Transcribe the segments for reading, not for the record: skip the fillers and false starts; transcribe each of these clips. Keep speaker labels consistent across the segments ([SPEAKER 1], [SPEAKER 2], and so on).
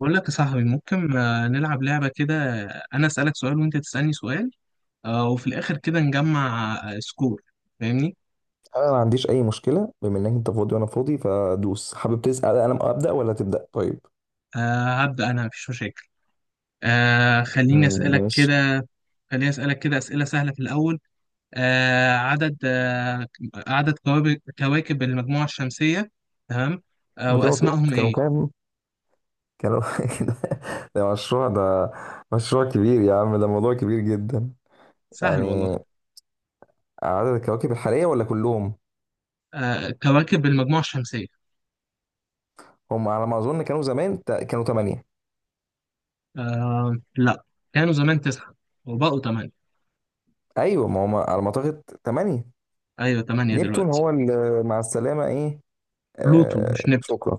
[SPEAKER 1] بقول لك يا صاحبي، ممكن نلعب لعبة كده. أنا أسألك سؤال وأنت تسألني سؤال، وفي الآخر كده نجمع سكور. فاهمني؟
[SPEAKER 2] انا ما عنديش اي مشكله، بما انك انت فاضي وانا فاضي فدوس. حابب تسال؟ انا ابدا ولا تبدا؟ طيب
[SPEAKER 1] هبدأ أنا، مفيش مشاكل. آه، خليني أسألك
[SPEAKER 2] ماشي.
[SPEAKER 1] كده خليني أسألك كده أسئلة سهلة في الأول. آه، عدد آه، عدد كواكب المجموعة الشمسية. تمام.
[SPEAKER 2] كانوا
[SPEAKER 1] وأسمائهم
[SPEAKER 2] كانوا
[SPEAKER 1] إيه؟
[SPEAKER 2] كام؟ كانوا ده ده مشروع، ده مشروع كبير يا عم، ده موضوع كبير جدا.
[SPEAKER 1] سهل
[SPEAKER 2] يعني
[SPEAKER 1] والله.
[SPEAKER 2] عدد الكواكب الحاليه ولا كلهم؟
[SPEAKER 1] كواكب المجموعة الشمسية.
[SPEAKER 2] هم على ما اظن كانوا زمان كانوا ثمانية.
[SPEAKER 1] لا، كانوا زمان تسعة وبقوا تمانية.
[SPEAKER 2] ايوه، ما هم على ما اعتقد ثمانية.
[SPEAKER 1] أيوة، تمانية
[SPEAKER 2] نبتون
[SPEAKER 1] دلوقتي.
[SPEAKER 2] هو اللي مع السلامه ايه.
[SPEAKER 1] بلوتو
[SPEAKER 2] آه،
[SPEAKER 1] مش نبتون.
[SPEAKER 2] شكرا.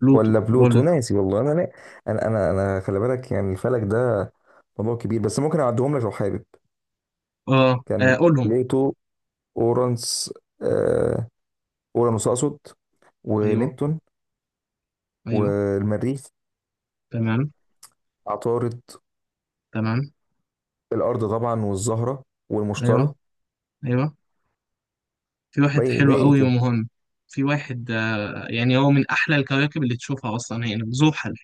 [SPEAKER 1] بلوتو،
[SPEAKER 2] ولا
[SPEAKER 1] ولا...
[SPEAKER 2] بلوتو، ناسي والله. انا لا. انا خلي بالك، يعني الفلك ده موضوع كبير، بس ممكن اعدهم لك لو حابب. كان
[SPEAKER 1] قولهم.
[SPEAKER 2] بلوتو، اورانس، آه اورانوس اقصد،
[SPEAKER 1] ايوه،
[SPEAKER 2] ونبتون.
[SPEAKER 1] ايوه.
[SPEAKER 2] والمريخ.
[SPEAKER 1] تمام.
[SPEAKER 2] عطارد.
[SPEAKER 1] تمام.
[SPEAKER 2] الارض طبعا، والزهره،
[SPEAKER 1] ايوه،
[SPEAKER 2] والمشتري.
[SPEAKER 1] ايوه. في واحد
[SPEAKER 2] باقي
[SPEAKER 1] حلو
[SPEAKER 2] باقي إيه
[SPEAKER 1] قوي
[SPEAKER 2] كده؟
[SPEAKER 1] ومهم. في واحد آه، يعني هو من احلى الكواكب اللي تشوفها اصلا، هنا زحل.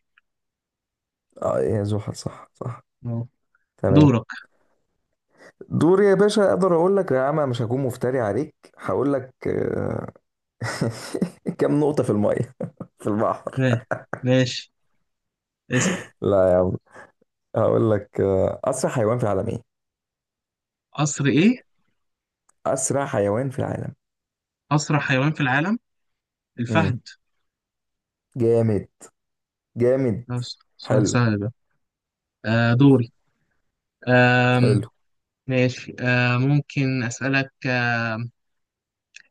[SPEAKER 2] اه، يا زحل، صح صح.
[SPEAKER 1] اه.
[SPEAKER 2] تمام.
[SPEAKER 1] دورك.
[SPEAKER 2] دور يا باشا. اقدر اقول لك يا عم، مش هكون مفتري عليك. هقول لك كم نقطه في الميه في البحر.
[SPEAKER 1] ماشي، ماشي. اسال.
[SPEAKER 2] لا يا عم، هقول لك اسرع حيوان في العالم ايه؟
[SPEAKER 1] قصر ايه؟
[SPEAKER 2] اسرع حيوان في العالم.
[SPEAKER 1] اسرع حيوان في العالم.
[SPEAKER 2] امم
[SPEAKER 1] الفهد.
[SPEAKER 2] جامد. جامد.
[SPEAKER 1] ماشي، سؤال
[SPEAKER 2] حلو.
[SPEAKER 1] سهل ده. دوري. آم
[SPEAKER 2] حلو.
[SPEAKER 1] ماشي. ممكن اسالك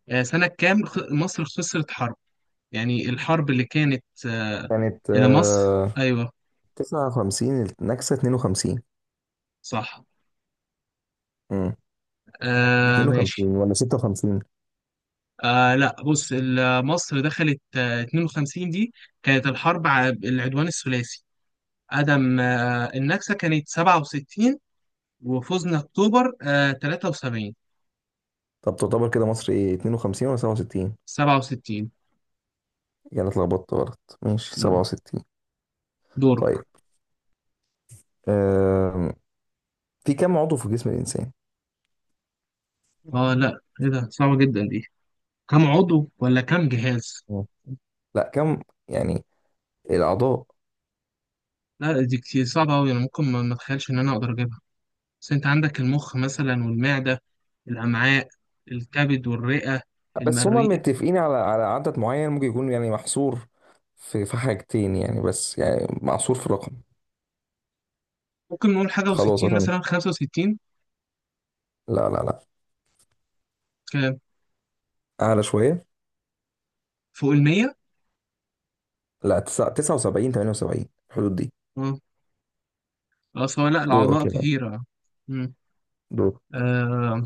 [SPEAKER 1] سنه كام، مصر خسرت حرب؟ يعني الحرب اللي كانت
[SPEAKER 2] كانت
[SPEAKER 1] إلى مصر. أيوه،
[SPEAKER 2] 59، النكسة 52.
[SPEAKER 1] صح.
[SPEAKER 2] امم 52
[SPEAKER 1] ماشي.
[SPEAKER 2] ولا 56؟
[SPEAKER 1] لا، بص، مصر دخلت 52 دي، كانت الحرب على العدوان الثلاثي. عدم النكسة كانت 67، وفوزنا اكتوبر 73.
[SPEAKER 2] طب تعتبر كده مصر ايه، 52 ولا 67؟
[SPEAKER 1] 67.
[SPEAKER 2] يعني أنا اتلخبطت، غلط. ماشي،
[SPEAKER 1] مم.
[SPEAKER 2] 67.
[SPEAKER 1] دورك.
[SPEAKER 2] طيب، آم، في كم عضو في جسم الانسان؟
[SPEAKER 1] اه، لا، ايه ده؟ صعبة جدا دي. كم عضو ولا كم جهاز؟
[SPEAKER 2] مم. لا، كم يعني الاعضاء.
[SPEAKER 1] لا، دي كتير، صعبة أوي. أنا ممكن ما أتخيلش إن أنا أقدر أجيبها. بس أنت عندك المخ مثلا، والمعدة، الأمعاء، الكبد والرئة،
[SPEAKER 2] بس هما
[SPEAKER 1] المريء.
[SPEAKER 2] متفقين على عدد معين، ممكن يكون يعني محصور في حاجتين يعني، بس يعني محصور في رقم.
[SPEAKER 1] ممكن نقول حاجة
[SPEAKER 2] خلاص
[SPEAKER 1] وستين،
[SPEAKER 2] أتمنى.
[SPEAKER 1] مثلا خمسة وستين.
[SPEAKER 2] لا لا لا،
[SPEAKER 1] كام؟
[SPEAKER 2] اعلى شويه.
[SPEAKER 1] فوق المية؟
[SPEAKER 2] لا، 79، 78، الحدود دي.
[SPEAKER 1] اه سواء، لا، الأعضاء
[SPEAKER 2] دورك يا بقى.
[SPEAKER 1] كتيرة. مم.
[SPEAKER 2] دور.
[SPEAKER 1] آه.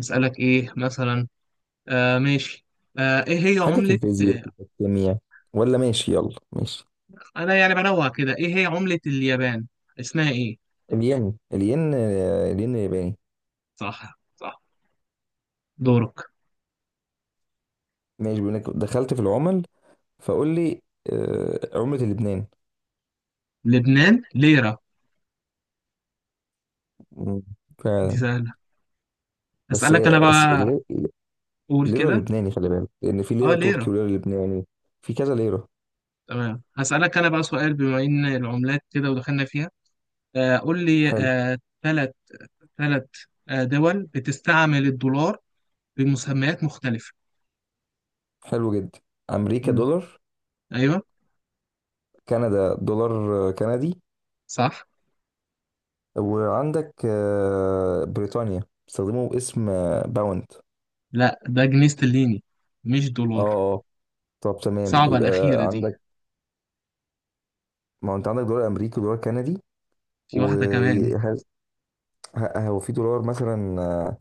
[SPEAKER 1] أسألك إيه مثلا؟ ماشي. آه إيه هي
[SPEAKER 2] حاجه في
[SPEAKER 1] عملة
[SPEAKER 2] الفيزياء،
[SPEAKER 1] آه،
[SPEAKER 2] في الكيمياء، ولا ماشي؟ يلا ماشي.
[SPEAKER 1] أنا يعني بنوع كده، إيه هي عملة اليابان؟ اسمها إيه؟
[SPEAKER 2] الين الين الياباني.
[SPEAKER 1] صح، صح. دورك.
[SPEAKER 2] ماشي، بيقول لك دخلت في العمل، فقول لي عملة لبنان.
[SPEAKER 1] لبنان ليرة.
[SPEAKER 2] مم،
[SPEAKER 1] دي
[SPEAKER 2] فعلا.
[SPEAKER 1] سهلة.
[SPEAKER 2] بس
[SPEAKER 1] أسألك أنا
[SPEAKER 2] هي
[SPEAKER 1] بقى. قول
[SPEAKER 2] ليرة
[SPEAKER 1] كده.
[SPEAKER 2] لبناني، خلي بالك، لأن في ليرة
[SPEAKER 1] أه،
[SPEAKER 2] تركي
[SPEAKER 1] ليرة.
[SPEAKER 2] وليرة لبناني. في كذا ليرة.
[SPEAKER 1] تمام، هسألك أنا بقى سؤال، بما إن العملات كده ودخلنا فيها. قول لي ثلاث،
[SPEAKER 2] حلو.
[SPEAKER 1] ثلاث ثلاث دول بتستعمل الدولار بمسميات مختلفة.
[SPEAKER 2] حلو جدا. أمريكا
[SPEAKER 1] مم.
[SPEAKER 2] دولار.
[SPEAKER 1] أيوه.
[SPEAKER 2] كندا دولار كندي.
[SPEAKER 1] صح.
[SPEAKER 2] وعندك بريطانيا بيستخدموا اسم باوند.
[SPEAKER 1] لا، ده جنيه استرليني، مش دولار.
[SPEAKER 2] اه. اه، طب تمام.
[SPEAKER 1] صعبة الأخيرة
[SPEAKER 2] يبقى
[SPEAKER 1] دي.
[SPEAKER 2] عندك، ما هو انت عندك دولار امريكي ودولار كندي.
[SPEAKER 1] في واحدة كمان.
[SPEAKER 2] وهل هو في دولار مثلا؟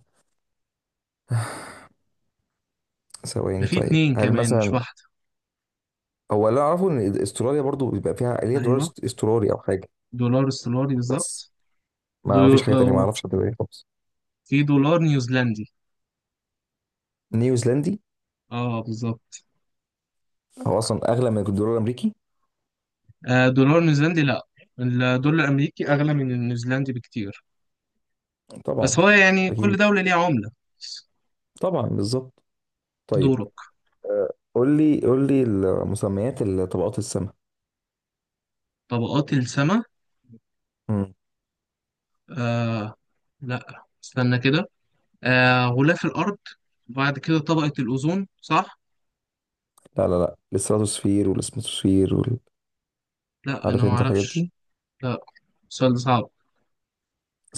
[SPEAKER 1] ده
[SPEAKER 2] ثواني.
[SPEAKER 1] في
[SPEAKER 2] طيب
[SPEAKER 1] اتنين
[SPEAKER 2] هل
[SPEAKER 1] كمان، مش
[SPEAKER 2] مثلا.
[SPEAKER 1] واحدة.
[SPEAKER 2] هو اللي اعرفه ان استراليا برضو بيبقى فيها اللي هي دولار
[SPEAKER 1] أيوه،
[SPEAKER 2] استرالي او حاجه.
[SPEAKER 1] دولار استرالي
[SPEAKER 2] بس
[SPEAKER 1] بالظبط. دو...
[SPEAKER 2] ما فيش حاجه تانية. ما
[SPEAKER 1] أو
[SPEAKER 2] اعرفش حد تاني خالص.
[SPEAKER 1] في دولار نيوزيلندي.
[SPEAKER 2] نيوزيلندي.
[SPEAKER 1] اه، بالظبط.
[SPEAKER 2] هو اصلا اغلى من الدولار الامريكي.
[SPEAKER 1] دولار نيوزيلندي لا، الدولار الأمريكي أغلى من النيوزيلندي بكتير. بس
[SPEAKER 2] طبعا.
[SPEAKER 1] هو يعني كل
[SPEAKER 2] اكيد.
[SPEAKER 1] دولة ليها عملة.
[SPEAKER 2] طبعا بالظبط. طيب،
[SPEAKER 1] دورك.
[SPEAKER 2] آه، قول لي قول لي مسميات طبقات السماء.
[SPEAKER 1] طبقات السماء.
[SPEAKER 2] مم.
[SPEAKER 1] آه لا، استنى كده. غلاف الأرض، بعد كده طبقة الأوزون، صح؟
[SPEAKER 2] لا لا لا، الستراتوسفير والاسموسفير وال.
[SPEAKER 1] لا، أنا
[SPEAKER 2] عارف
[SPEAKER 1] ما
[SPEAKER 2] انت الحاجات دي.
[SPEAKER 1] أعرفش. لا، السؤال ده صعب.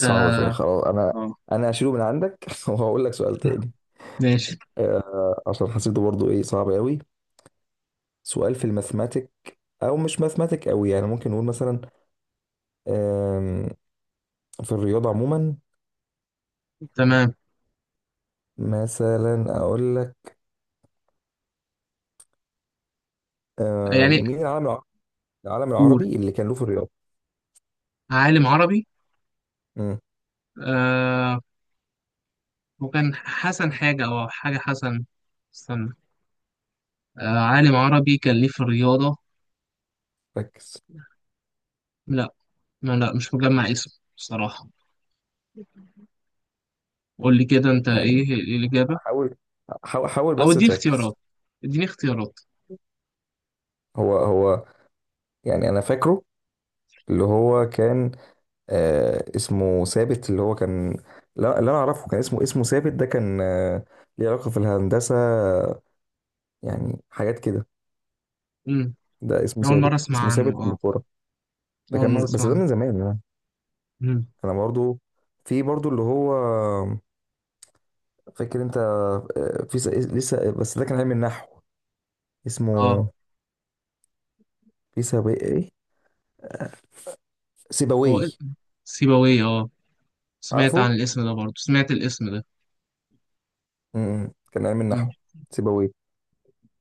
[SPEAKER 1] ده
[SPEAKER 2] فيها،
[SPEAKER 1] آه
[SPEAKER 2] خلاص انا. هشيله من عندك وهقول لك سؤال تاني.
[SPEAKER 1] ماشي.
[SPEAKER 2] عشان حسيته برضو ايه، صعب قوي. سؤال في الماثماتيك. او مش ماثماتيك قوي يعني، ممكن نقول مثلا، آم، في الرياضة عموما.
[SPEAKER 1] تمام،
[SPEAKER 2] مثلا اقول لك،
[SPEAKER 1] يعني
[SPEAKER 2] مين العالم، العالم
[SPEAKER 1] قول.
[SPEAKER 2] العربي اللي كان له في الرياضة.
[SPEAKER 1] عالم عربي.
[SPEAKER 2] امم
[SPEAKER 1] آه وكان حسن حاجة أو حاجة حسن. استنى. عالم عربي كان ليه في الرياضة.
[SPEAKER 2] ركز
[SPEAKER 1] لا، ما لا، مش مجمع اسمه بصراحة. قول لي كده أنت، إيه
[SPEAKER 2] يعني.
[SPEAKER 1] إيه الإجابة؟
[SPEAKER 2] حاول حاول حاول
[SPEAKER 1] أو
[SPEAKER 2] بس
[SPEAKER 1] اديني اختيارات،
[SPEAKER 2] تركز.
[SPEAKER 1] اديني اختيارات.
[SPEAKER 2] هو هو، يعني انا فاكره اللي هو كان، اسمه ثابت، اللي هو كان. لا، اللي انا اعرفه كان اسمه ثابت. ده كان ليه علاقة في الهندسة، يعني حاجات كده.
[SPEAKER 1] مم.
[SPEAKER 2] ده اسمه
[SPEAKER 1] أول مرة
[SPEAKER 2] ثابت، اسمه
[SPEAKER 1] أسمع
[SPEAKER 2] ثابت
[SPEAKER 1] عنه،
[SPEAKER 2] ابن
[SPEAKER 1] أه.
[SPEAKER 2] كورة. ده
[SPEAKER 1] أول
[SPEAKER 2] كان
[SPEAKER 1] مرة أسمع
[SPEAKER 2] بس ده
[SPEAKER 1] عنه.
[SPEAKER 2] من زمان يعني.
[SPEAKER 1] مم.
[SPEAKER 2] انا برضو، في برضو اللي هو، فاكر انت، في لسه، بس ده كان علم النحو
[SPEAKER 1] أه
[SPEAKER 2] اسمه. في سابق، ايه، سيبويه.
[SPEAKER 1] هو. سيبويه، اه. سمعت عن
[SPEAKER 2] عارفه.
[SPEAKER 1] الاسم ده، برضه سمعت الاسم ده.
[SPEAKER 2] كان علم
[SPEAKER 1] مم.
[SPEAKER 2] النحو. سيبويه.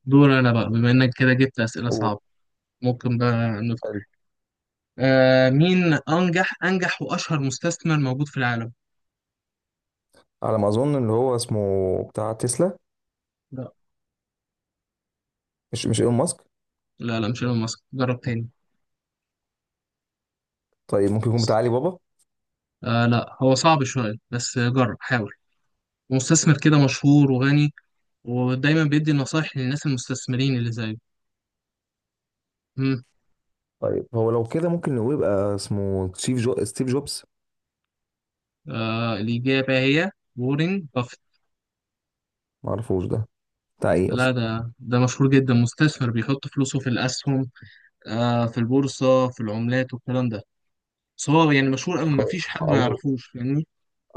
[SPEAKER 1] دور انا بقى، بما انك كده جبت اسئله
[SPEAKER 2] قول.
[SPEAKER 1] صعبه. ممكن بقى ندخل.
[SPEAKER 2] حلو.
[SPEAKER 1] مين انجح واشهر مستثمر موجود في العالم؟
[SPEAKER 2] على ما اظن اللي هو اسمه بتاع تسلا،
[SPEAKER 1] لا،
[SPEAKER 2] مش ايلون ماسك.
[SPEAKER 1] لا، لا، مش ايلون ماسك، جرب تاني.
[SPEAKER 2] طيب ممكن يكون بتاع علي بابا.
[SPEAKER 1] لا، هو صعب شويه، بس جرب، حاول. مستثمر كده مشهور وغني، ودايما بيدي نصايح للناس المستثمرين اللي زيه. مم.
[SPEAKER 2] طيب هو لو كده ممكن نقول يبقى اسمه ستيف جوبز.
[SPEAKER 1] الإجابة هي وارن بافيت.
[SPEAKER 2] ما اعرفوش ده، بتاع ايه اصلا؟
[SPEAKER 1] لا، ده مشهور جدا، مستثمر بيحط فلوسه في الأسهم، في البورصة، في العملات والكلام ده. بس هو يعني مشهور أوي،
[SPEAKER 2] خ-
[SPEAKER 1] مفيش حد ما
[SPEAKER 2] اول
[SPEAKER 1] يعرفوش، فاهمني.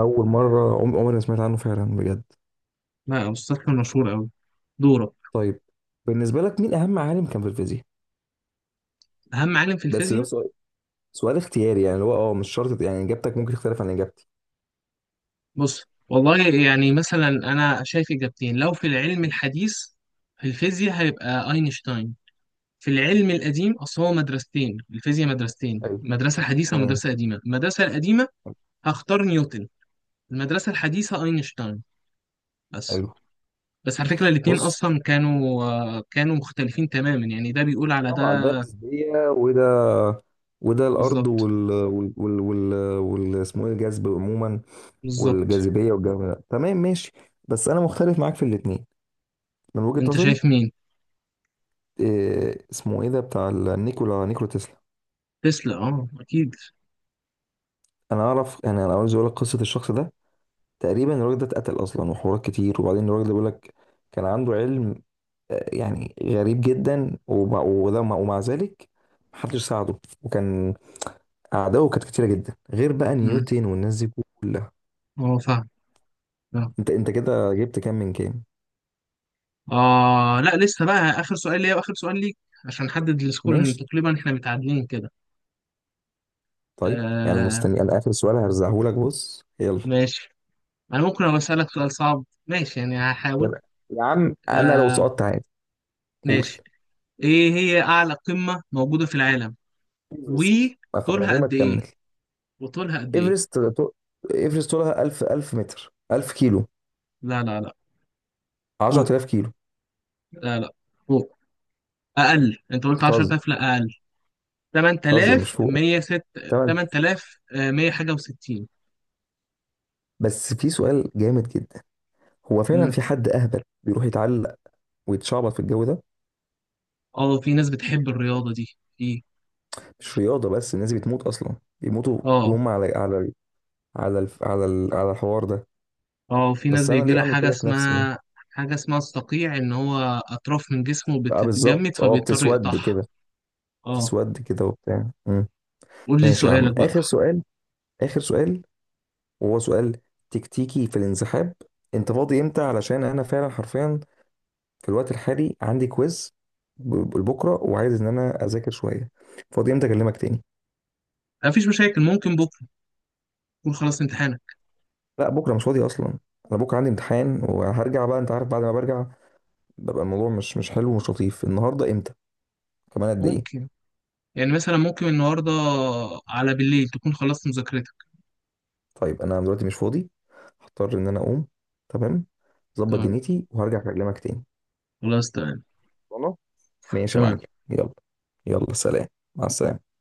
[SPEAKER 2] اول مره عمري ما سمعت عنه، فعلا بجد.
[SPEAKER 1] لا، مستشفى مشهور أوي. دورك.
[SPEAKER 2] طيب بالنسبه لك، مين اهم عالم كان في الفيزياء؟
[SPEAKER 1] أهم عالم في
[SPEAKER 2] بس ده
[SPEAKER 1] الفيزياء.
[SPEAKER 2] سؤال، اختياري يعني، اللي هو مش شرط يعني، اجابتك ممكن تختلف عن اجابتي.
[SPEAKER 1] بص، والله، يعني مثلا أنا شايف إجابتين. لو في العلم الحديث في الفيزياء، هيبقى أينشتاين. في العلم القديم، أصل هو مدرستين، الفيزياء مدرستين،
[SPEAKER 2] ايوه
[SPEAKER 1] مدرسة حديثة
[SPEAKER 2] تمام.
[SPEAKER 1] ومدرسة قديمة. المدرسة القديمة هختار نيوتن. المدرسة الحديثة أينشتاين.
[SPEAKER 2] حلو.
[SPEAKER 1] بس. بس على فكرة الاتنين
[SPEAKER 2] بص،
[SPEAKER 1] أصلا كانوا مختلفين تماما، يعني ده بيقول على ده.
[SPEAKER 2] طبعا ده نسبية، وده الأرض
[SPEAKER 1] بالظبط.
[SPEAKER 2] وال اسمه إيه، الجذب عموما،
[SPEAKER 1] بالظبط.
[SPEAKER 2] والجاذبية والجو ده. تمام ماشي. بس أنا مختلف معاك في الاتنين من وجهة
[SPEAKER 1] انت
[SPEAKER 2] نظري.
[SPEAKER 1] شايف مين؟
[SPEAKER 2] إيه اسمه إيه ده بتاع نيكولا تسلا.
[SPEAKER 1] تسلا، اه، اكيد.
[SPEAKER 2] أنا أعرف، يعني أنا عاوز أقول لك قصة الشخص ده. تقريبا الراجل ده اتقتل أصلا، وحوارات كتير. وبعدين الراجل ده بيقول لك كان عنده علم، يعني غريب جدا، ومع- وده ومع ذلك محدش ساعده. وكان أعدائه كانت كتيرة جدا، غير بقى
[SPEAKER 1] مم.
[SPEAKER 2] نيوتن والناس دي كلها.
[SPEAKER 1] اه، فاهم. فاهم.
[SPEAKER 2] أنت كده جبت كام من كام؟
[SPEAKER 1] اه، لا، لسه بقى اخر سؤال ليا واخر سؤال ليك، عشان نحدد السكور، لان
[SPEAKER 2] ماشي.
[SPEAKER 1] تقريبا احنا متعادلين كده.
[SPEAKER 2] طيب يعني،
[SPEAKER 1] آه
[SPEAKER 2] مستني أنا آخر سؤال هرزعهولك. بص، يلا.
[SPEAKER 1] ماشي. انا ممكن ابقى اسالك سؤال صعب، ماشي؟ يعني هحاول.
[SPEAKER 2] يلا يا عم، أنا لو
[SPEAKER 1] آه
[SPEAKER 2] سقطت عادي. قول.
[SPEAKER 1] ماشي. ايه هي اعلى قمة موجودة في العالم؟
[SPEAKER 2] إيفرست، ما خ- من
[SPEAKER 1] وطولها
[SPEAKER 2] غير ما
[SPEAKER 1] قد ايه؟
[SPEAKER 2] تكمل.
[SPEAKER 1] وطولها قد ايه؟
[SPEAKER 2] إيفرست طو- إيفرست طولها 1000، 1000 متر، 1000 كيلو،
[SPEAKER 1] لا، لا، لا. فوق.
[SPEAKER 2] 10000 كيلو.
[SPEAKER 1] لا، لا. فوق. اقل، انت قلت
[SPEAKER 2] بتهزر.
[SPEAKER 1] 10,000، لا، اقل.
[SPEAKER 2] بتهزر، مش فوق.
[SPEAKER 1] 8,106.
[SPEAKER 2] تمام.
[SPEAKER 1] 8,100 حاجه و60.
[SPEAKER 2] بس في سؤال جامد جدا، هو فعلا
[SPEAKER 1] امم.
[SPEAKER 2] في حد اهبل بيروح يتعلق ويتشعبط في الجو ده.
[SPEAKER 1] اه، في ناس بتحب الرياضه دي. في.
[SPEAKER 2] مش رياضه، بس الناس دي بتموت اصلا، بيموتوا
[SPEAKER 1] اه
[SPEAKER 2] وهم على على الحوار ده.
[SPEAKER 1] اه، في ناس
[SPEAKER 2] بس انا
[SPEAKER 1] بيجي
[SPEAKER 2] ليه
[SPEAKER 1] لها
[SPEAKER 2] اعمل
[SPEAKER 1] حاجه
[SPEAKER 2] كده في نفسي؟
[SPEAKER 1] اسمها، حاجه اسمها الصقيع، ان هو اطراف من جسمه
[SPEAKER 2] اه،
[SPEAKER 1] بتتجمد
[SPEAKER 2] بالظبط. اه،
[SPEAKER 1] فبيضطر
[SPEAKER 2] بتسود
[SPEAKER 1] يقطعها.
[SPEAKER 2] كده.
[SPEAKER 1] اه.
[SPEAKER 2] بتسود كده وبتاع. مم.
[SPEAKER 1] قول لي
[SPEAKER 2] ماشي يا عم،
[SPEAKER 1] سؤالك بقى.
[SPEAKER 2] اخر سؤال، اخر سؤال، وهو سؤال تكتيكي في الانسحاب. انت فاضي امتى؟ علشان انا فعلا حرفيا في الوقت الحالي عندي كويز بكره، وعايز ان انا اذاكر شويه. فاضي امتى اكلمك تاني؟
[SPEAKER 1] مفيش مشاكل، ممكن بكره تكون خلصت امتحانك.
[SPEAKER 2] لا، بكره مش فاضي اصلا. انا بكره عندي امتحان وهرجع. بقى انت عارف بعد ما برجع ببقى الموضوع مش حلو ومش لطيف. النهارده امتى كمان، قد ايه؟
[SPEAKER 1] ممكن، يعني مثلا ممكن النهارده على بالليل تكون خلصت مذاكرتك.
[SPEAKER 2] طيب انا دلوقتي مش فاضي، هضطر ان انا اقوم. تمام، ظبط
[SPEAKER 1] تمام.
[SPEAKER 2] دنيتي وهرجع اكلمك تاني.
[SPEAKER 1] خلاص، تمام.
[SPEAKER 2] خلاص. ماشي يا معلم.
[SPEAKER 1] تمام.
[SPEAKER 2] يلا، يلا سلام. مع السلامه.